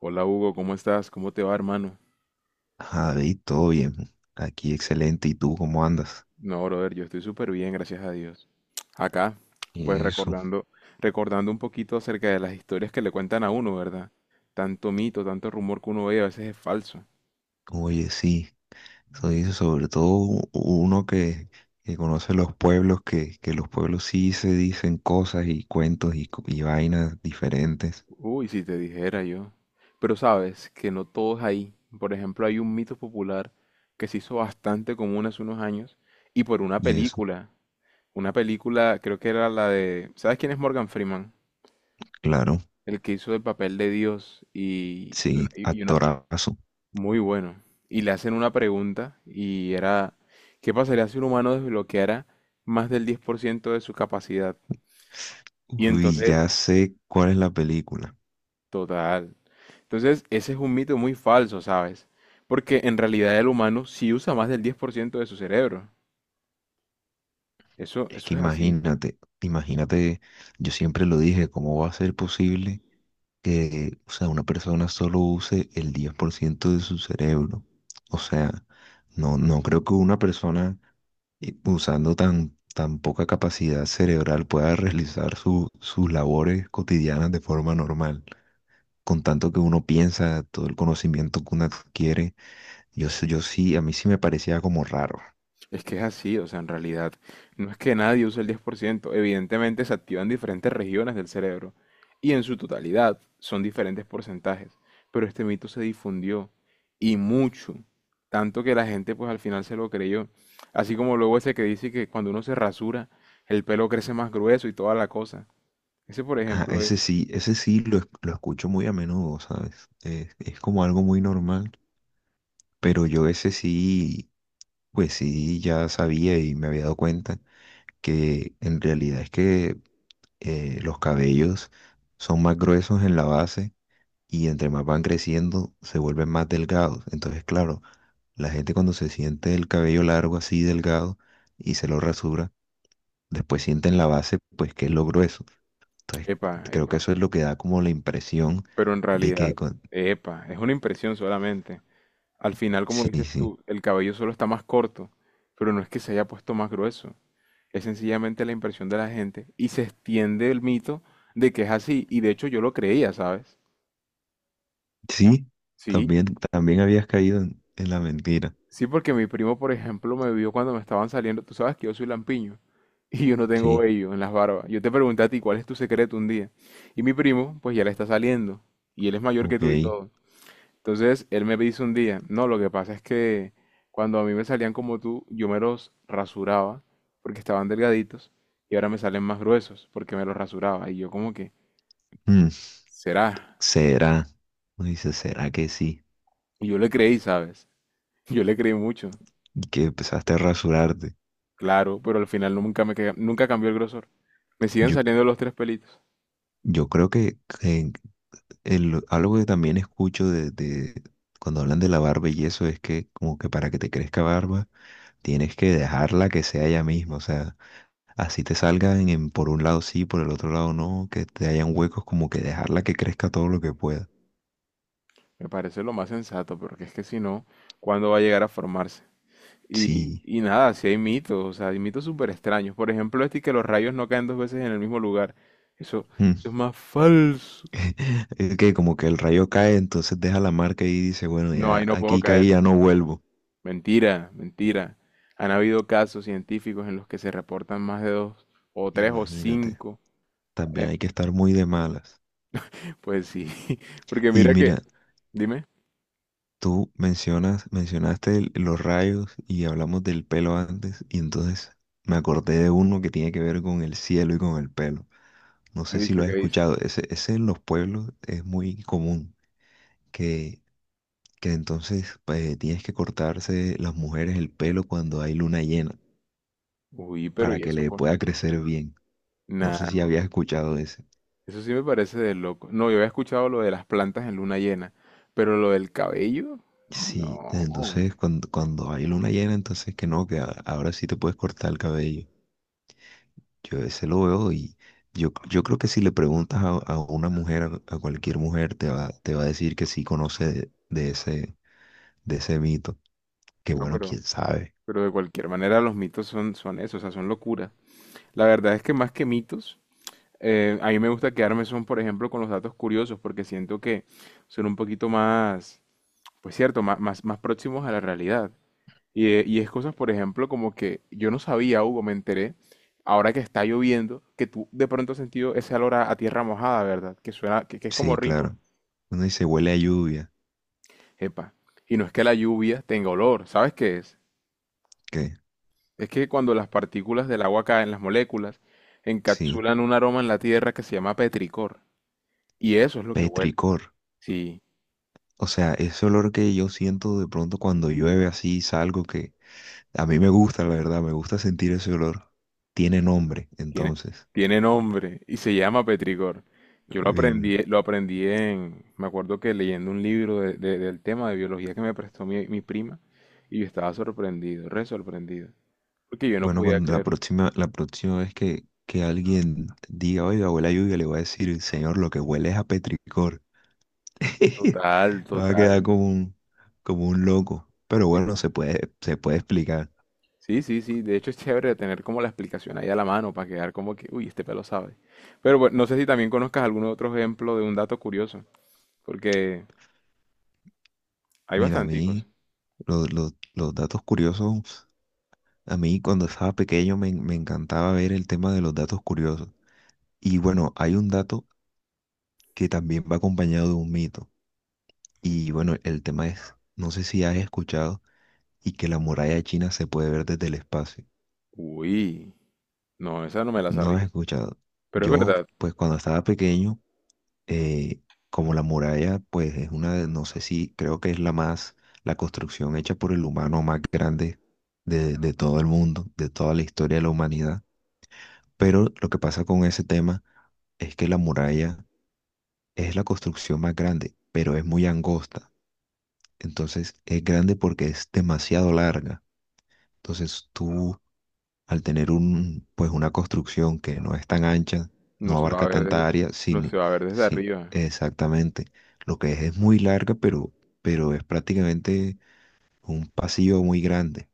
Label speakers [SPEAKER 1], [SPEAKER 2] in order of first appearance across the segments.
[SPEAKER 1] Hola Hugo, ¿cómo estás? ¿Cómo te va, hermano?
[SPEAKER 2] Javi, todo bien. Aquí excelente. ¿Y tú cómo andas?
[SPEAKER 1] No, brother, yo estoy súper bien, gracias a Dios. Acá,
[SPEAKER 2] Y
[SPEAKER 1] pues
[SPEAKER 2] eso.
[SPEAKER 1] recordando un poquito acerca de las historias que le cuentan a uno, ¿verdad? Tanto mito, tanto rumor que uno ve, a veces es falso.
[SPEAKER 2] Oye, sí. Eso dice sobre todo uno que conoce los pueblos, que los pueblos sí se dicen cosas y cuentos y vainas diferentes.
[SPEAKER 1] Uy, si te dijera yo. Pero sabes que no todos ahí. Por ejemplo, hay un mito popular que se hizo bastante común hace unos años y por una
[SPEAKER 2] Y eso.
[SPEAKER 1] película. Una película, creo que era la de. ¿Sabes quién es Morgan Freeman?
[SPEAKER 2] Claro.
[SPEAKER 1] El que hizo el papel de Dios
[SPEAKER 2] Sí, actorazo.
[SPEAKER 1] Muy bueno. Y le hacen una pregunta y era, ¿qué pasaría si un humano desbloqueara más del 10% de su capacidad? Y
[SPEAKER 2] Uy,
[SPEAKER 1] entonces,
[SPEAKER 2] ya sé cuál es la película.
[SPEAKER 1] total. Entonces, ese es un mito muy falso, ¿sabes? Porque en realidad el humano sí usa más del 10% de su cerebro. Eso,
[SPEAKER 2] Es
[SPEAKER 1] eso
[SPEAKER 2] que
[SPEAKER 1] es así.
[SPEAKER 2] imagínate, yo siempre lo dije. ¿Cómo va a ser posible que, o sea, una persona solo use el 10% de su cerebro? O sea, no creo que una persona usando tan poca capacidad cerebral pueda realizar sus labores cotidianas de forma normal. Con tanto que uno piensa, todo el conocimiento que uno adquiere, yo sí, a mí sí me parecía como raro.
[SPEAKER 1] Es que es así, o sea, en realidad no es que nadie use el 10%. Evidentemente se activan diferentes regiones del cerebro y en su totalidad son diferentes porcentajes, pero este mito se difundió y mucho, tanto que la gente pues al final se lo creyó, así como luego ese que dice que cuando uno se rasura el pelo crece más grueso y toda la cosa. Ese por
[SPEAKER 2] Ah,
[SPEAKER 1] ejemplo es,
[SPEAKER 2] ese sí, lo escucho muy a menudo, ¿sabes? Es como algo muy normal, pero yo ese sí. Pues sí, ya sabía y me había dado cuenta que en realidad es que los cabellos son más gruesos en la base y entre más van creciendo se vuelven más delgados. Entonces, claro, la gente, cuando se siente el cabello largo así delgado y se lo rasura, después siente en la base pues que es lo grueso. Entonces,
[SPEAKER 1] epa,
[SPEAKER 2] creo que
[SPEAKER 1] epa,
[SPEAKER 2] eso es lo que da como la impresión
[SPEAKER 1] pero en
[SPEAKER 2] de
[SPEAKER 1] realidad, epa, es una impresión solamente. Al final, como
[SPEAKER 2] Sí,
[SPEAKER 1] dices
[SPEAKER 2] sí.
[SPEAKER 1] tú, el cabello solo está más corto, pero no es que se haya puesto más grueso, es sencillamente la impresión de la gente y se extiende el mito de que es así, y de hecho yo lo creía, ¿sabes?
[SPEAKER 2] Sí,
[SPEAKER 1] Sí,
[SPEAKER 2] también, también habías caído en la mentira.
[SPEAKER 1] sí, porque mi primo, por ejemplo, me vio cuando me estaban saliendo, tú sabes que yo soy lampiño y yo no tengo
[SPEAKER 2] Sí,
[SPEAKER 1] vello en las barbas. Yo te pregunté a ti cuál es tu secreto un día, y mi primo, pues ya le está saliendo, y él es mayor que
[SPEAKER 2] ok.
[SPEAKER 1] tú y todo. Entonces él me dice un día, no, lo que pasa es que cuando a mí me salían como tú, yo me los rasuraba porque estaban delgaditos y ahora me salen más gruesos porque me los rasuraba. Y yo como que,
[SPEAKER 2] Mm,
[SPEAKER 1] ¿será?
[SPEAKER 2] será. Uno dice, ¿será que sí?
[SPEAKER 1] Y yo le creí, ¿sabes? Yo le creí mucho,
[SPEAKER 2] Y que empezaste a rasurarte.
[SPEAKER 1] claro, pero al final nunca cambió el grosor. Me siguen
[SPEAKER 2] Yo,
[SPEAKER 1] saliendo los tres pelitos.
[SPEAKER 2] yo creo que algo que también escucho de cuando hablan de la barba y eso es que, como que para que te crezca barba tienes que dejarla que sea ella misma. O sea, así te salgan en, por un lado sí, por el otro lado no, que te hayan huecos, como que dejarla que crezca todo lo que pueda.
[SPEAKER 1] Me parece lo más sensato, porque es que si no, ¿cuándo va a llegar a formarse? Y,
[SPEAKER 2] Sí.
[SPEAKER 1] y nada, si hay mitos, o sea, hay mitos súper extraños. Por ejemplo, este que los rayos no caen dos veces en el mismo lugar. Eso,
[SPEAKER 2] Mm.
[SPEAKER 1] eso es más falso.
[SPEAKER 2] Es que como que el rayo cae, entonces deja la marca y dice, bueno,
[SPEAKER 1] No, ahí
[SPEAKER 2] ya
[SPEAKER 1] no puedo
[SPEAKER 2] aquí caí,
[SPEAKER 1] caer.
[SPEAKER 2] ya no vuelvo.
[SPEAKER 1] Mentira, mentira. Han habido casos científicos en los que se reportan más de dos, o tres, o
[SPEAKER 2] Imagínate.
[SPEAKER 1] cinco.
[SPEAKER 2] También
[SPEAKER 1] Eh,
[SPEAKER 2] hay que estar muy de malas.
[SPEAKER 1] pues sí, porque
[SPEAKER 2] Y
[SPEAKER 1] mira que,
[SPEAKER 2] mira,
[SPEAKER 1] dime,
[SPEAKER 2] tú mencionaste los rayos y hablamos del pelo antes, y entonces me acordé de uno que tiene que ver con el cielo y con el pelo. No
[SPEAKER 1] ¿qué
[SPEAKER 2] sé si lo
[SPEAKER 1] dice?
[SPEAKER 2] has
[SPEAKER 1] ¿Qué dice?
[SPEAKER 2] escuchado, ese en los pueblos es muy común, que, que entonces tienes que cortarse las mujeres el pelo cuando hay luna llena
[SPEAKER 1] Uy, pero
[SPEAKER 2] para
[SPEAKER 1] ¿y
[SPEAKER 2] que
[SPEAKER 1] eso
[SPEAKER 2] le
[SPEAKER 1] por?
[SPEAKER 2] pueda crecer bien. No sé si
[SPEAKER 1] Nada,
[SPEAKER 2] habías escuchado ese.
[SPEAKER 1] eso sí me parece de loco. No, yo había escuchado lo de las plantas en luna llena, pero lo del cabello,
[SPEAKER 2] Sí,
[SPEAKER 1] no,
[SPEAKER 2] entonces, cuando hay luna llena, entonces que no, ahora sí te puedes cortar el cabello. Yo ese lo veo y yo creo que si le preguntas a una mujer, a cualquier mujer, te va a decir que sí conoce de de ese mito. Que
[SPEAKER 1] no,
[SPEAKER 2] bueno,
[SPEAKER 1] pero.
[SPEAKER 2] quién sabe.
[SPEAKER 1] Pero de cualquier manera los mitos son eso, o sea, son locura. La verdad es que más que mitos, a mí me gusta quedarme son, por ejemplo, con los datos curiosos, porque siento que son un poquito más, pues cierto, más próximos a la realidad. Y es cosas, por ejemplo, como que yo no sabía, Hugo, me enteré, ahora que está lloviendo, que tú de pronto has sentido ese olor a, tierra mojada, ¿verdad? Que suena, que es como
[SPEAKER 2] Sí,
[SPEAKER 1] rico.
[SPEAKER 2] claro. Uno dice huele a lluvia,
[SPEAKER 1] Epa. Y no es que la lluvia tenga olor, ¿sabes qué es?
[SPEAKER 2] que
[SPEAKER 1] Es que cuando las partículas del agua caen, las moléculas,
[SPEAKER 2] sí,
[SPEAKER 1] encapsulan un aroma en la tierra que se llama petricor. Y eso es lo que huele.
[SPEAKER 2] petricor.
[SPEAKER 1] Sí,
[SPEAKER 2] O sea, ese olor que yo siento de pronto cuando llueve así, salgo que a mí me gusta, la verdad, me gusta sentir ese olor. Tiene nombre,
[SPEAKER 1] tiene,
[SPEAKER 2] entonces.
[SPEAKER 1] tiene nombre y se llama petricor. Yo lo
[SPEAKER 2] Bien.
[SPEAKER 1] aprendí, lo aprendí en, me acuerdo que leyendo un libro del tema de biología que me prestó mi prima y yo estaba sorprendido, re sorprendido, porque yo no
[SPEAKER 2] Bueno,
[SPEAKER 1] podía
[SPEAKER 2] cuando
[SPEAKER 1] creer.
[SPEAKER 2] la próxima vez que alguien diga, oiga, huele a lluvia, le voy a decir, señor, lo que huele es a petricor.
[SPEAKER 1] Total,
[SPEAKER 2] Va a
[SPEAKER 1] total.
[SPEAKER 2] quedar como un loco. Pero bueno,
[SPEAKER 1] Epa.
[SPEAKER 2] se puede explicar.
[SPEAKER 1] Sí, sí, sí. De hecho es chévere tener como la explicación ahí a la mano para quedar como que, uy, este pelo sabe. Pero bueno, no sé si también conozcas algún otro ejemplo de un dato curioso, porque hay
[SPEAKER 2] Mira, a
[SPEAKER 1] bastanticos.
[SPEAKER 2] mí, los datos curiosos, a mí cuando estaba pequeño me encantaba ver el tema de los datos curiosos. Y bueno, hay un dato que también va acompañado de un mito. Y bueno, el tema es, no sé si has escuchado, y que la muralla china se puede ver desde el espacio.
[SPEAKER 1] Uy, no, esa no me la
[SPEAKER 2] No he
[SPEAKER 1] sabía.
[SPEAKER 2] escuchado.
[SPEAKER 1] Pero es
[SPEAKER 2] Yo,
[SPEAKER 1] verdad,
[SPEAKER 2] pues cuando estaba pequeño, eh, como la muralla, pues es una de, no sé si, creo que es la más, la construcción hecha por el humano más grande de todo el mundo, de toda la historia de la humanidad. Pero lo que pasa con ese tema es que la muralla es la construcción más grande, pero es muy angosta. Entonces es grande porque es demasiado larga. Entonces tú, al tener un, pues una construcción que no es tan ancha, no
[SPEAKER 1] no se va a
[SPEAKER 2] abarca
[SPEAKER 1] ver desde,
[SPEAKER 2] tanta área,
[SPEAKER 1] no
[SPEAKER 2] sino,
[SPEAKER 1] se va a ver desde
[SPEAKER 2] sí,
[SPEAKER 1] arriba.
[SPEAKER 2] exactamente. Lo que es muy larga, pero es prácticamente un pasillo muy grande.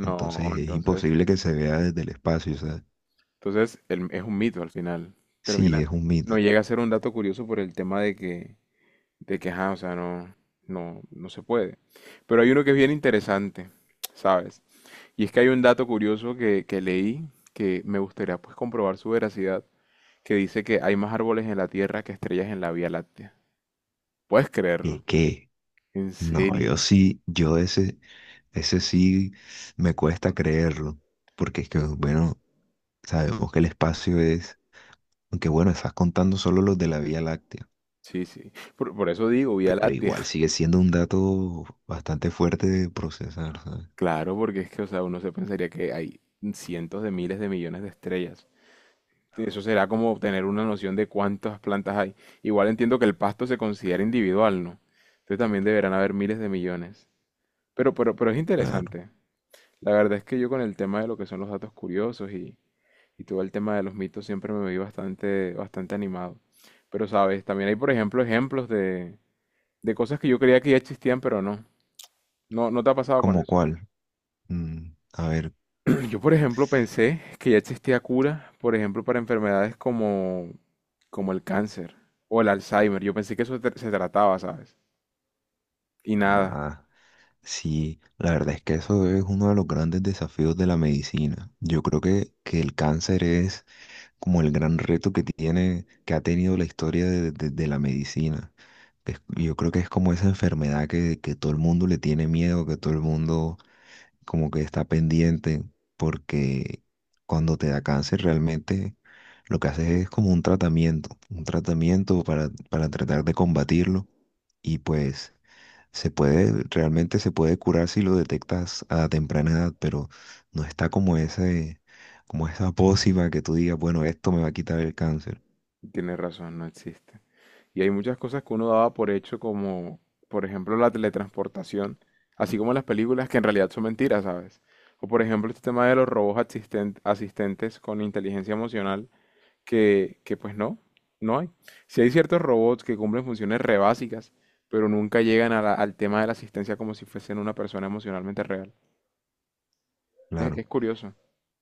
[SPEAKER 2] Entonces es
[SPEAKER 1] entonces,
[SPEAKER 2] imposible que se vea desde el espacio. O sea,
[SPEAKER 1] entonces es un mito al final.
[SPEAKER 2] sí,
[SPEAKER 1] Termina,
[SPEAKER 2] es un
[SPEAKER 1] no
[SPEAKER 2] mito.
[SPEAKER 1] llega a ser un dato curioso por el tema de que, ajá, o sea, no, no, no se puede. Pero hay uno que es bien interesante, ¿sabes? Y es que hay un dato curioso que leí que me gustaría pues comprobar su veracidad, que dice que hay más árboles en la Tierra que estrellas en la Vía Láctea. ¿Puedes
[SPEAKER 2] ¿Y
[SPEAKER 1] creerlo?
[SPEAKER 2] qué?
[SPEAKER 1] En
[SPEAKER 2] No,
[SPEAKER 1] serio.
[SPEAKER 2] yo sí, yo ese, ese sí me cuesta creerlo, porque es que, bueno, sabemos que el espacio es, aunque bueno, estás contando solo los de la Vía Láctea.
[SPEAKER 1] Sí, sí. Por eso digo Vía
[SPEAKER 2] Pero
[SPEAKER 1] Láctea.
[SPEAKER 2] igual sigue siendo un dato bastante fuerte de procesar, ¿sabes?
[SPEAKER 1] Claro, porque es que, o sea, uno se pensaría que hay cientos de miles de millones de estrellas. Eso será como tener una noción de cuántas plantas hay. Igual entiendo que el pasto se considera individual, ¿no? Entonces también deberán haber miles de millones. Pero es
[SPEAKER 2] Claro.
[SPEAKER 1] interesante. La verdad es que yo con el tema de lo que son los datos curiosos y todo el tema de los mitos siempre me vi bastante, bastante animado. Pero sabes, también hay, por ejemplo, ejemplos de cosas que yo creía que ya existían, pero no. No, no te ha pasado con
[SPEAKER 2] ¿Como
[SPEAKER 1] eso.
[SPEAKER 2] cuál? Mm, a ver,
[SPEAKER 1] Yo, por ejemplo, pensé que ya existía cura, por ejemplo, para enfermedades como el cáncer o el Alzheimer. Yo pensé que eso se trataba, ¿sabes? Y nada,
[SPEAKER 2] nada. Sí, la verdad es que eso es uno de los grandes desafíos de la medicina. Yo creo que el cáncer es como el gran reto que tiene, que ha tenido la historia de la medicina. Yo creo que es como esa enfermedad que todo el mundo le tiene miedo, que todo el mundo como que está pendiente, porque cuando te da cáncer realmente lo que haces es como un tratamiento para tratar de combatirlo y pues se puede, realmente se puede curar si lo detectas a temprana edad, pero no está como ese, como esa pócima que tú digas, bueno, esto me va a quitar el cáncer,
[SPEAKER 1] tienes razón, no existe. Y hay muchas cosas que uno daba por hecho, como por ejemplo la teletransportación, así como las películas que en realidad son mentiras, ¿sabes? O por ejemplo este tema de los robots asistentes con inteligencia emocional, que pues no, no hay. Sí hay ciertos robots que cumplen funciones re básicas, pero nunca llegan a al tema de la asistencia como si fuesen una persona emocionalmente real. Es,
[SPEAKER 2] claro.
[SPEAKER 1] es curioso.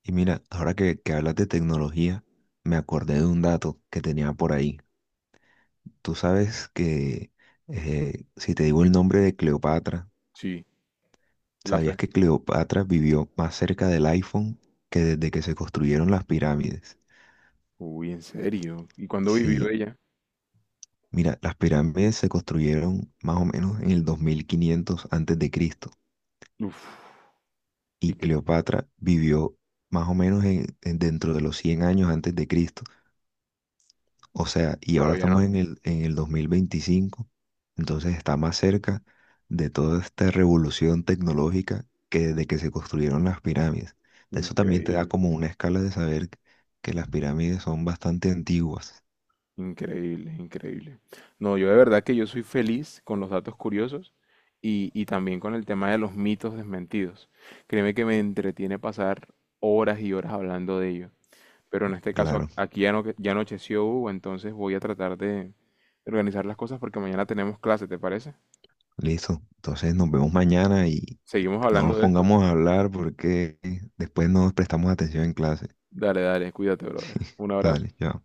[SPEAKER 2] Y mira, ahora que hablas de tecnología, me acordé de un dato que tenía por ahí. Tú sabes que si te digo el nombre de Cleopatra,
[SPEAKER 1] Sí, la
[SPEAKER 2] ¿sabías
[SPEAKER 1] fe.
[SPEAKER 2] que Cleopatra vivió más cerca del iPhone que desde que se construyeron las pirámides?
[SPEAKER 1] Uy, ¿en serio? ¿Y cuándo vivió
[SPEAKER 2] Sí,
[SPEAKER 1] ella?
[SPEAKER 2] mira, las pirámides se construyeron más o menos en el 2500 antes de Cristo
[SPEAKER 1] Uf, y
[SPEAKER 2] y
[SPEAKER 1] que
[SPEAKER 2] Cleopatra vivió más o menos dentro de los 100 años antes de Cristo. O sea, y ahora
[SPEAKER 1] todavía no.
[SPEAKER 2] estamos en el 2025, entonces está más cerca de toda esta revolución tecnológica que desde que se construyeron las pirámides. Eso también te da
[SPEAKER 1] Increíble.
[SPEAKER 2] como una escala de saber que las pirámides son bastante antiguas.
[SPEAKER 1] Increíble, increíble. No, yo de verdad que yo soy feliz con los datos curiosos y también con el tema de los mitos desmentidos. Créeme que me entretiene pasar horas y horas hablando de ello. Pero en este caso
[SPEAKER 2] Claro,
[SPEAKER 1] aquí ya, no, ya anocheció Hugo, entonces voy a tratar de organizar las cosas porque mañana tenemos clase, ¿te parece?
[SPEAKER 2] listo. Entonces nos vemos mañana y
[SPEAKER 1] Seguimos
[SPEAKER 2] no
[SPEAKER 1] hablando
[SPEAKER 2] nos
[SPEAKER 1] de esto.
[SPEAKER 2] pongamos a hablar porque después nos prestamos atención en clase.
[SPEAKER 1] Dale, dale, cuídate, brother. Un abrazo.
[SPEAKER 2] Dale, ya.